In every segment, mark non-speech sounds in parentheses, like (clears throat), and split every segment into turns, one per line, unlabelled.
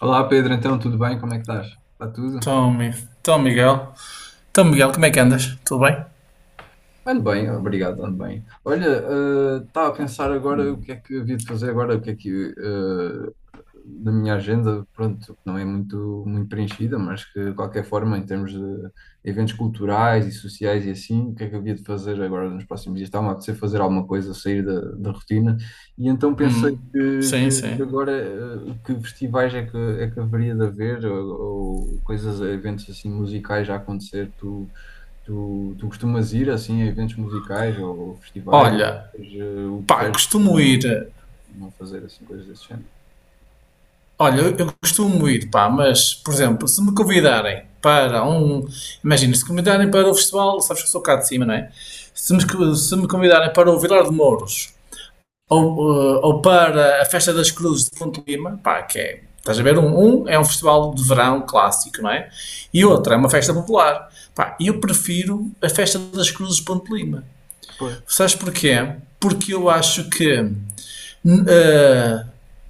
Olá Pedro, então tudo bem? Como é que estás? Está tudo?
Então, Miguel. Então, Miguel, como é que andas? Tudo bem?
Ando bem, obrigado, ando bem. Olha, estava a pensar agora o que é que havia de fazer agora, o que é que eh, da minha agenda, pronto, não é muito preenchida, mas que de qualquer forma, em termos de eventos culturais e sociais e assim, o que é que eu havia de fazer agora nos próximos dias? Estava a apetecer fazer alguma coisa, sair da rotina, e então pensei
Sim,
que
sim.
agora que festivais é que haveria de haver, ou coisas, eventos assim musicais já a acontecer. Tu costumas ir assim a eventos musicais ou festivais, ou,
Olha,
eh, o
pá,
preferes
costumo ir.
não fazer assim coisas desse género?
Olha, eu costumo ir, pá, mas, por exemplo, se me convidarem para um. Imagina, se convidarem para o festival, sabes que eu sou cá de cima, não é? Se me,
Sim,
co- se me convidarem para o Vilar de Mouros ou,
certo?
eh, ou para a Festa das Cruzes de Fonte Lima, pá, que é. Estás a ver? Um é um festival de verão clássico, não é? E
Sim.
outra é uma festa popular. Pá, eu prefiro a Festa das Cruzes de Ponte Lima.
Pois,
Sabes porquê? Porque eu acho que eh,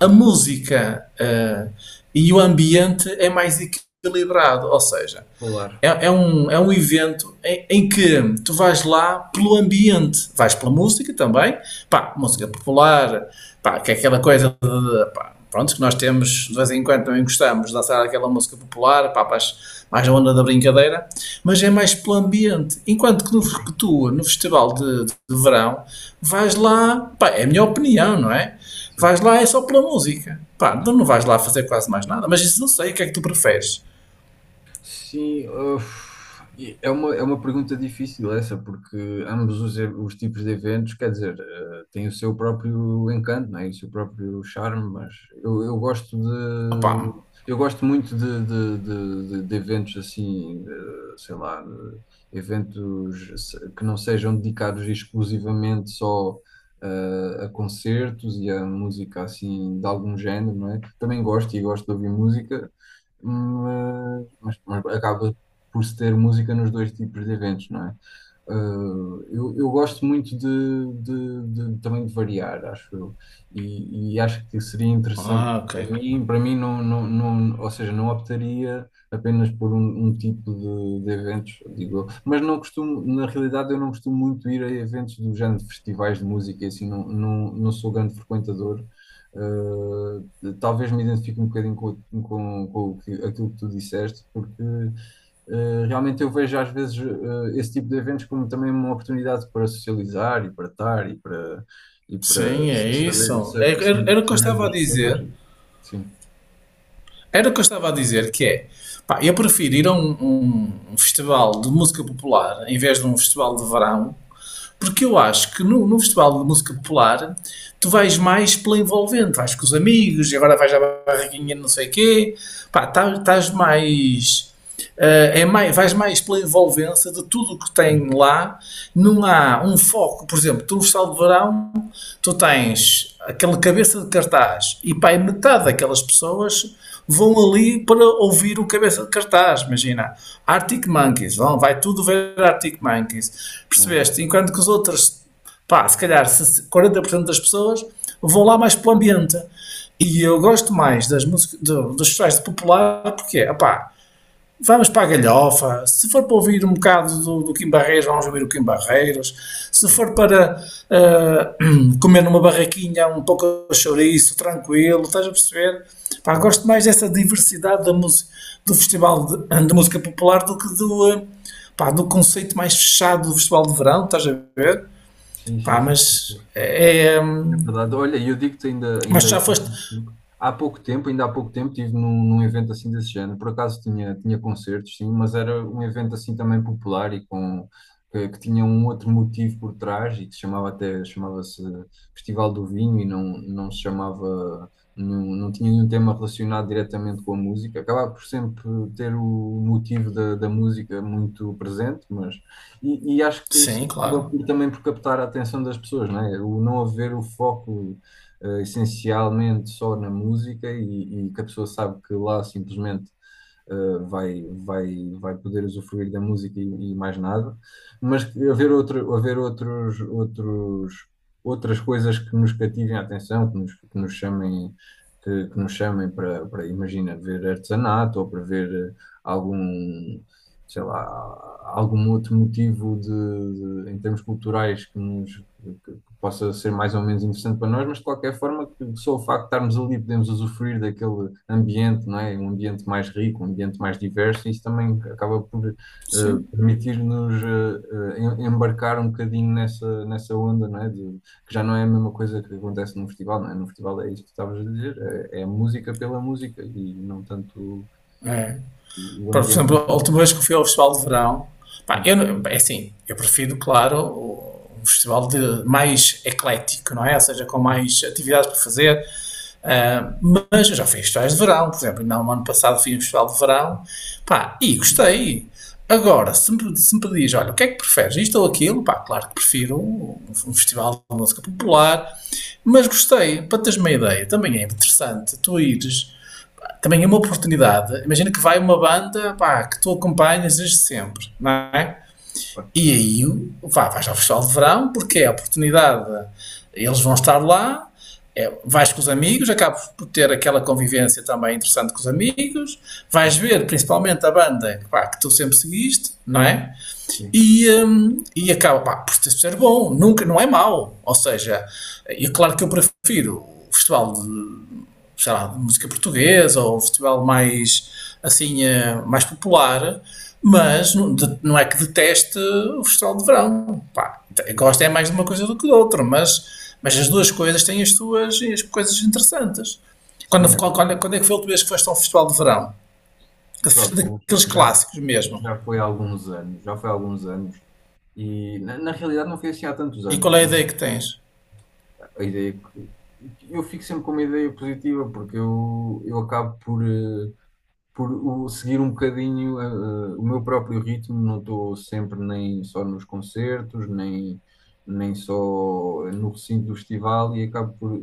a música e o ambiente é mais equilibrado, ou seja,
claro.
é um evento em que tu vais lá pelo ambiente, vais pela música também, pá, música popular, pá, que é aquela coisa pá, pronto, que nós temos de vez em quando também gostamos de dançar aquela música popular, pá, mais a onda da brincadeira, mas é mais pelo ambiente. Enquanto que, no festival de verão, vais lá, pá, é a minha opinião, não é? Vais
Sim.
lá é só pela música, pá, então não vais lá fazer quase mais nada, mas isso não sei, o que é que tu preferes?
Sim, uf, e é é uma pergunta difícil essa, porque ambos os tipos de eventos, quer dizer, têm o seu próprio encanto, não é? E o seu próprio charme, mas eu gosto
Opá,
de. Eu gosto muito de eventos assim, eh, sei lá, de eventos se- que não sejam dedicados exclusivamente só a concertos e a música assim de algum género, não é? Também gosto e gosto de ouvir música, mas, mas acaba por se ter música nos dois tipos de eventos, não é? Eu gosto muito também de variar, acho eu, e acho que seria interessante
ah, ok.
para mim não, ou seja, não optaria apenas por um tipo de eventos, digo eu, mas não costumo, na realidade eu não costumo muito ir a eventos do género de festivais de música e assim, não sou grande frequentador. Uh, talvez me identifique um bocadinho com o aquilo que tu disseste, porque realmente eu vejo às vezes esse tipo de eventos como também uma oportunidade para socializar e para estar e para
Sim, é isso. É-
saber,
Era, era o que eu
saber
estava a
das pessoas.
dizer.
Sim.
Era o que eu estava a dizer, que é, pá, eu prefiro ir a um festival de música popular em vez de um festival de verão, porque eu acho que no festival de música popular tu vais mais pela envolvente, vais com os amigos, e agora vais à barraquinha de não sei quê, pá, estás mais, é mais, vais mais pela envolvência de tudo o que
É.
tem lá, não há um foco, por exemplo, tu no festival de verão tu tens aquela cabeça de cartaz cartaz. E pá, metade daquelas pessoas vão ali para ouvir o cabeça de cartaz. Imagina, Arctic Monkeys, vão, vai tudo ver Arctic Monkeys.
É?
Percebeste? Enquanto que os outros, pá, se calhar 40% das pessoas vão lá mais para o ambiente. E eu gosto mais das músicas, dos festivais de popular, porque, pá, vamos para a galhofa. Se for para ouvir um bocado do Kim Barreiros, vamos ouvir o Kim Barreiros. Se for para (clears throat) comer numa barraquinha um pouco de chouriço, tranquilo, estás a perceber? Pá,
Claro.
gosto mais dessa diversidade da música, do Festival de, (clears throat) de Música Popular do que do conceito mais fechado do Festival de Verão, estás a ver?
Sim, sim,
Pá,
sim.
mas é.
É verdade. Olha, eu digo-te ainda,
Mas já foste.
ainda há pouco tempo estive num, num evento assim desse género. Por acaso tinha, tinha concertos, sim, mas era um evento assim também popular e com, que tinha um outro motivo por trás e que se chamava até, chamava-se Festival do Vinho e não se chamava, não tinha nenhum tema relacionado diretamente com a música. Acabava por sempre ter o motivo da música muito presente, mas, e acho que isso
Sim,
acaba
claro.
por, também por captar a atenção das pessoas, não é? O não haver o foco essencialmente só na música e que a pessoa sabe que lá simplesmente vai poder usufruir da música e mais nada, mas haver outros, outras coisas que nos cativem a atenção, que nos chamem. Que nos chamem para, para, imagina, ver artesanato ou para ver algum, sei lá, algum outro motivo em termos culturais que possa ser mais ou menos interessante para nós, mas de qualquer forma só o facto de estarmos ali podemos usufruir daquele ambiente, não é? Um ambiente mais rico, um ambiente mais diverso, e isso também acaba por
Sim.
permitir-nos embarcar um bocadinho nessa onda, não é? Que já não é a mesma coisa que acontece no festival, não é? No festival é isso que estavas a dizer, é, é a música pela música e não tanto o
Por
ambiente.
exemplo, a última vez que eu fui ao Festival de Verão, pá, eu,
Sim,
não- é assim, eu prefiro, claro, um festival de, mais eclético, não é? Ou seja, com mais atividades para fazer. Mas eu já fiz festivais de verão, por exemplo, ainda no ano passado fiz um festival de verão, pá, e gostei. Agora, se me pedis, olha, o que é que preferes, isto ou aquilo, pá, claro que prefiro um festival de música popular, mas gostei, para teres uma ideia, também é interessante tu ires, pá, também é uma oportunidade, imagina que vai uma banda, pá, que tu acompanhas desde sempre, não é?
claro,
E aí vá, vais ao Festival de Verão, porque é a oportunidade. Eles vão estar lá, é, vais com os amigos, acabas por ter aquela convivência também interessante com os amigos, vais ver principalmente a banda pá, que tu sempre seguiste, não é?
sim,
E acaba pá, por ser bom, nunca, não é mau. Ou seja, e claro que eu prefiro o Festival de sei lá, de música portuguesa ou um festival mais, assim, mais popular, mas não, é que deteste o festival de verão. Pá, gosta é mais de uma coisa do que de outra, mas as duas coisas têm as suas as coisas interessantes. Quando,
sim, é
quando, quando é que foi a última vez que foste a um festival de verão?
festival,
Da-
bom,
Daqueles
já,
clássicos mesmo.
já foi há alguns anos, já foi há alguns anos. E na realidade não foi assim há tantos
E
anos.
qual é a ideia que tens?
A ideia que eu fico sempre com uma ideia positiva porque eu acabo por, eh, por seguir um bocadinho o meu próprio ritmo, não estou sempre nem só nos concertos, nem, nem só no recinto do festival e acabo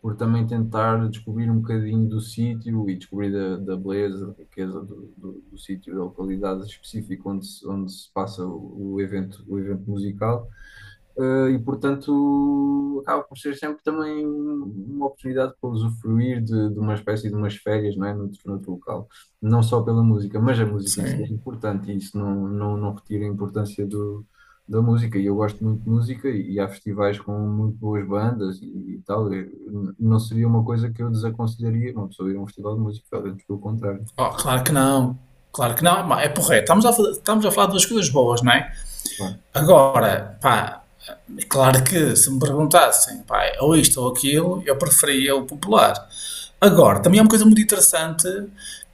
por também tentar descobrir um bocadinho do sítio e descobrir da beleza, da riqueza do sítio, da localidade específica onde se passa o evento musical. E portanto acaba por ser sempre também uma oportunidade para usufruir de uma espécie de umas férias, não é? Noutro, noutro local. Não só pela música, mas a música em si é
Sim.
importante e isso não retira a importância do, da música. E eu gosto muito de música e há festivais com muito boas bandas e tal. Não seria uma coisa que eu desaconselharia uma pessoa ir a um festival de música, antes pelo contrário.
Oh, claro que não. Claro que não. É porreiro. Estamos a falar de duas coisas boas, não é?
Claro.
Agora, pá, é claro que se me perguntassem, pá, ou isto ou aquilo, eu preferia o popular. Agora, também há uma coisa muito interessante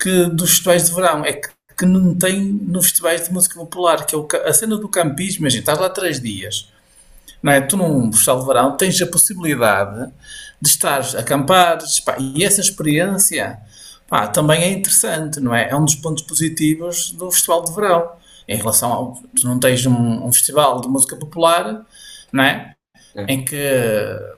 que dos festivais de verão, é que não tem nos festivais de música popular, que é a cena do campismo, imagina, estás lá três dias, não é? Tu num festival de verão tens a possibilidade de estar a acampar, pá, e essa experiência, pá, também é interessante, não é? É um dos pontos positivos do festival de verão. Em
É,
relação ao, tu não tens um festival de música popular, não é?
é. É.
Em que é,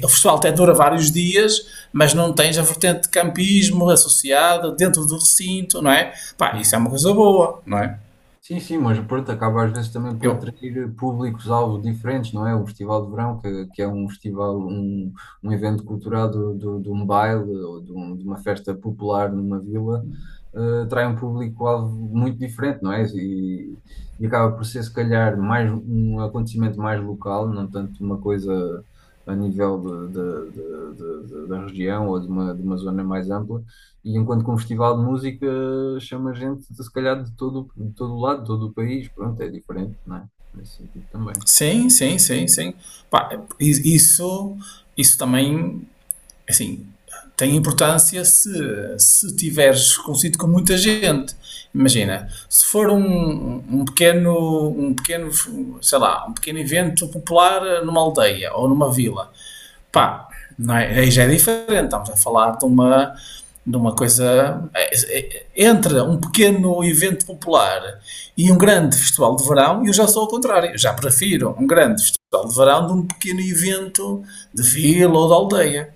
o festival até dura vários dias, mas não tens a vertente de campismo associada dentro do recinto, não é? Pá, isso é uma coisa boa, não é?
Sim, sim, mas pronto, acaba às vezes também por
Eu,
atrair públicos-alvo diferentes, não é? O Festival de Verão, que é um festival, um evento cultural de um baile ou de, de uma festa popular numa vila, eh, atrai um público-alvo muito diferente, não é? E acaba por ser, se calhar, mais um acontecimento mais local, não tanto uma coisa a nível da região ou de uma zona mais ampla. E enquanto que um festival de música chama gente, de, se calhar, de todo o lado, de todo o país, pronto, é diferente, não é? Nesse sentido também.
sim, sim, sim, sim. Pá, i- isso, isso também, assim, tem importância se tiveres consigo com muita gente. Imagina, se for sei lá, um pequeno evento popular numa aldeia ou numa vila.
Sim,
Pá, não é? Aí já é diferente, estamos a falar de uma coisa. Entre um pequeno evento popular e um grande festival de verão, eu já sou ao contrário. Eu já prefiro um grande festival de verão de um pequeno evento de vila ou de aldeia.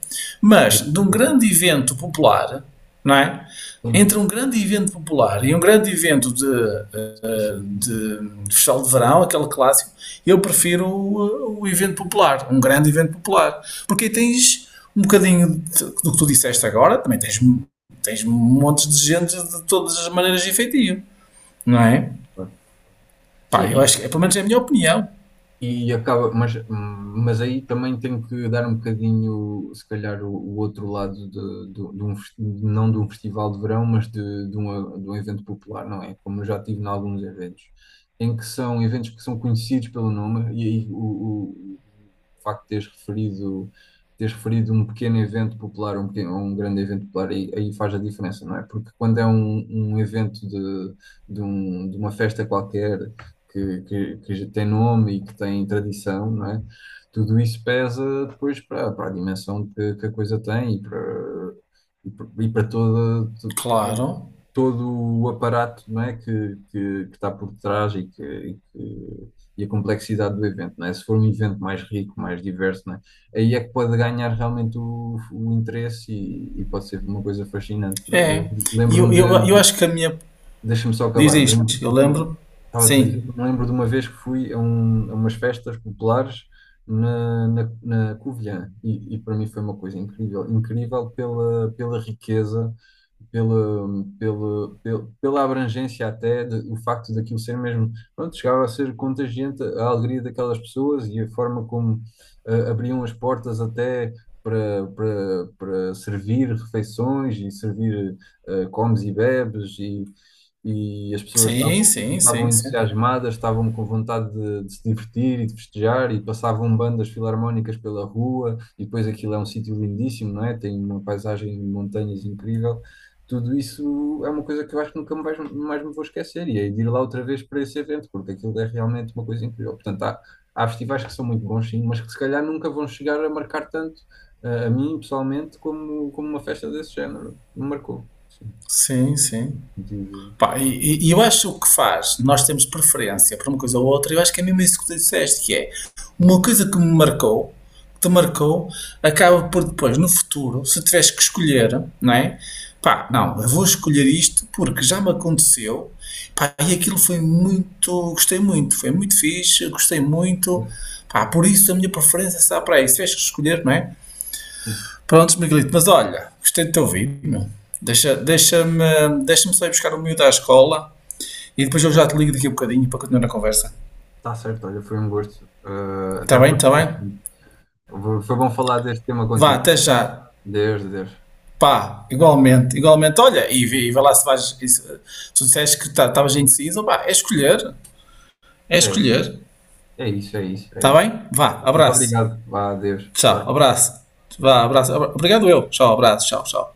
é
Mas
isso,
de um
exato.
grande evento popular, não é? Entre
Sim,
um grande evento popular e um grande evento de eh, uh,
sim,
de de festival de verão, aquele clássico, eu prefiro o evento popular, um grande evento popular, porque aí tens um bocadinho de, do que tu disseste agora, também tens montes de gente de todas as maneiras de efetivo, não é?
claro.
Pá, eu
Sim,
acho que, pelo menos é a minha opinião,
e acaba, mas aí também tenho que dar um bocadinho, se calhar, o outro lado de, de um, não de um festival de verão, mas de um evento popular, não é? Como eu já tive em alguns eventos, em que são eventos que são conhecidos pelo nome, e aí o facto de teres referido um pequeno evento popular, um, pequeno, um grande evento popular, aí faz a diferença, não é? Porque quando é um, um evento de uma festa qualquer que já tem nome e que tem tradição, não é? Tudo isso pesa depois para, para a dimensão que a coisa tem e para, e para, e para toda,
claro,
todo o aparato, não é? Que está por trás e, e a complexidade do evento, não é? Se for um evento mais rico, mais diverso, não é? Aí é que pode ganhar realmente o interesse e pode ser uma coisa fascinante, não é? Eu
é. E eu,
lembro-me
eu, eu
de,
acho que a minha,
deixa-me só
diz
acabar.
isto, eu
Lembro-
lembro,
estava a te dizer,
sim,
me lembro de uma vez que fui a, a umas festas populares na Covilhã e para mim foi uma coisa incrível, incrível pela riqueza, pela, pela abrangência até, de, o facto daquilo ser mesmo, pronto, chegava a ser contagiante a alegria daquelas pessoas e a forma como abriam as portas até para, para servir refeições e servir comes e bebes e as pessoas
sim, sim,
estavam
sim, sim,
entusiasmadas, estavam com vontade de se divertir e de festejar, e passavam bandas filarmónicas pela rua, e depois aquilo é um sítio lindíssimo, não é? Tem uma paisagem de montanhas incrível. Tudo isso é uma coisa que eu acho que nunca mais me vou esquecer, e é de ir lá outra vez para esse evento, porque aquilo é realmente uma coisa incrível. Portanto, há, há festivais que são muito bons, sim, mas que se calhar nunca vão chegar a marcar tanto. A mim, pessoalmente, como uma festa desse género, me marcou. Sim.
sim, sim.
Tive-
Pá, e eu acho que o que faz, nós temos preferência por uma coisa ou outra, eu acho que é mesmo isso que tu disseste, que é uma coisa que me marcou, que te marcou, acaba por depois, no futuro, se tivesse que escolher, não é? Pá, não, eu vou escolher isto porque já me aconteceu, pá, e aquilo foi muito, gostei muito, foi muito fixe, gostei muito, pá, por isso a minha preferência está para aí, se tivesse que escolher, não é?
sim.
Prontos, Miguelito, mas olha, gostei de te ouvir, meu. Deixa, deixa-me, deixa-me só ir buscar o miúdo à escola e depois eu já te ligo daqui a um bocadinho para continuar a conversa.
Está certo, olha, foi um gosto. Eh, até
Está
à
bem?
próxima.
Está bem?
Foi bom falar deste tema
Vá,
contigo.
até já.
Deus, Deus.
Pá, igualmente, igualmente. Olha, e vai lá se vais. Tu disseste que estavas indeciso, pá, é escolher. É
É,
escolher.
é isso, é isso, é
Está
isso.
bem? Vá,
Muito
abraço.
obrigado. Vá, adeus.
Tchau,
Vá.
abraço. Vá, abraço. Obrigado eu. Tchau, abraço. Tchau, tchau.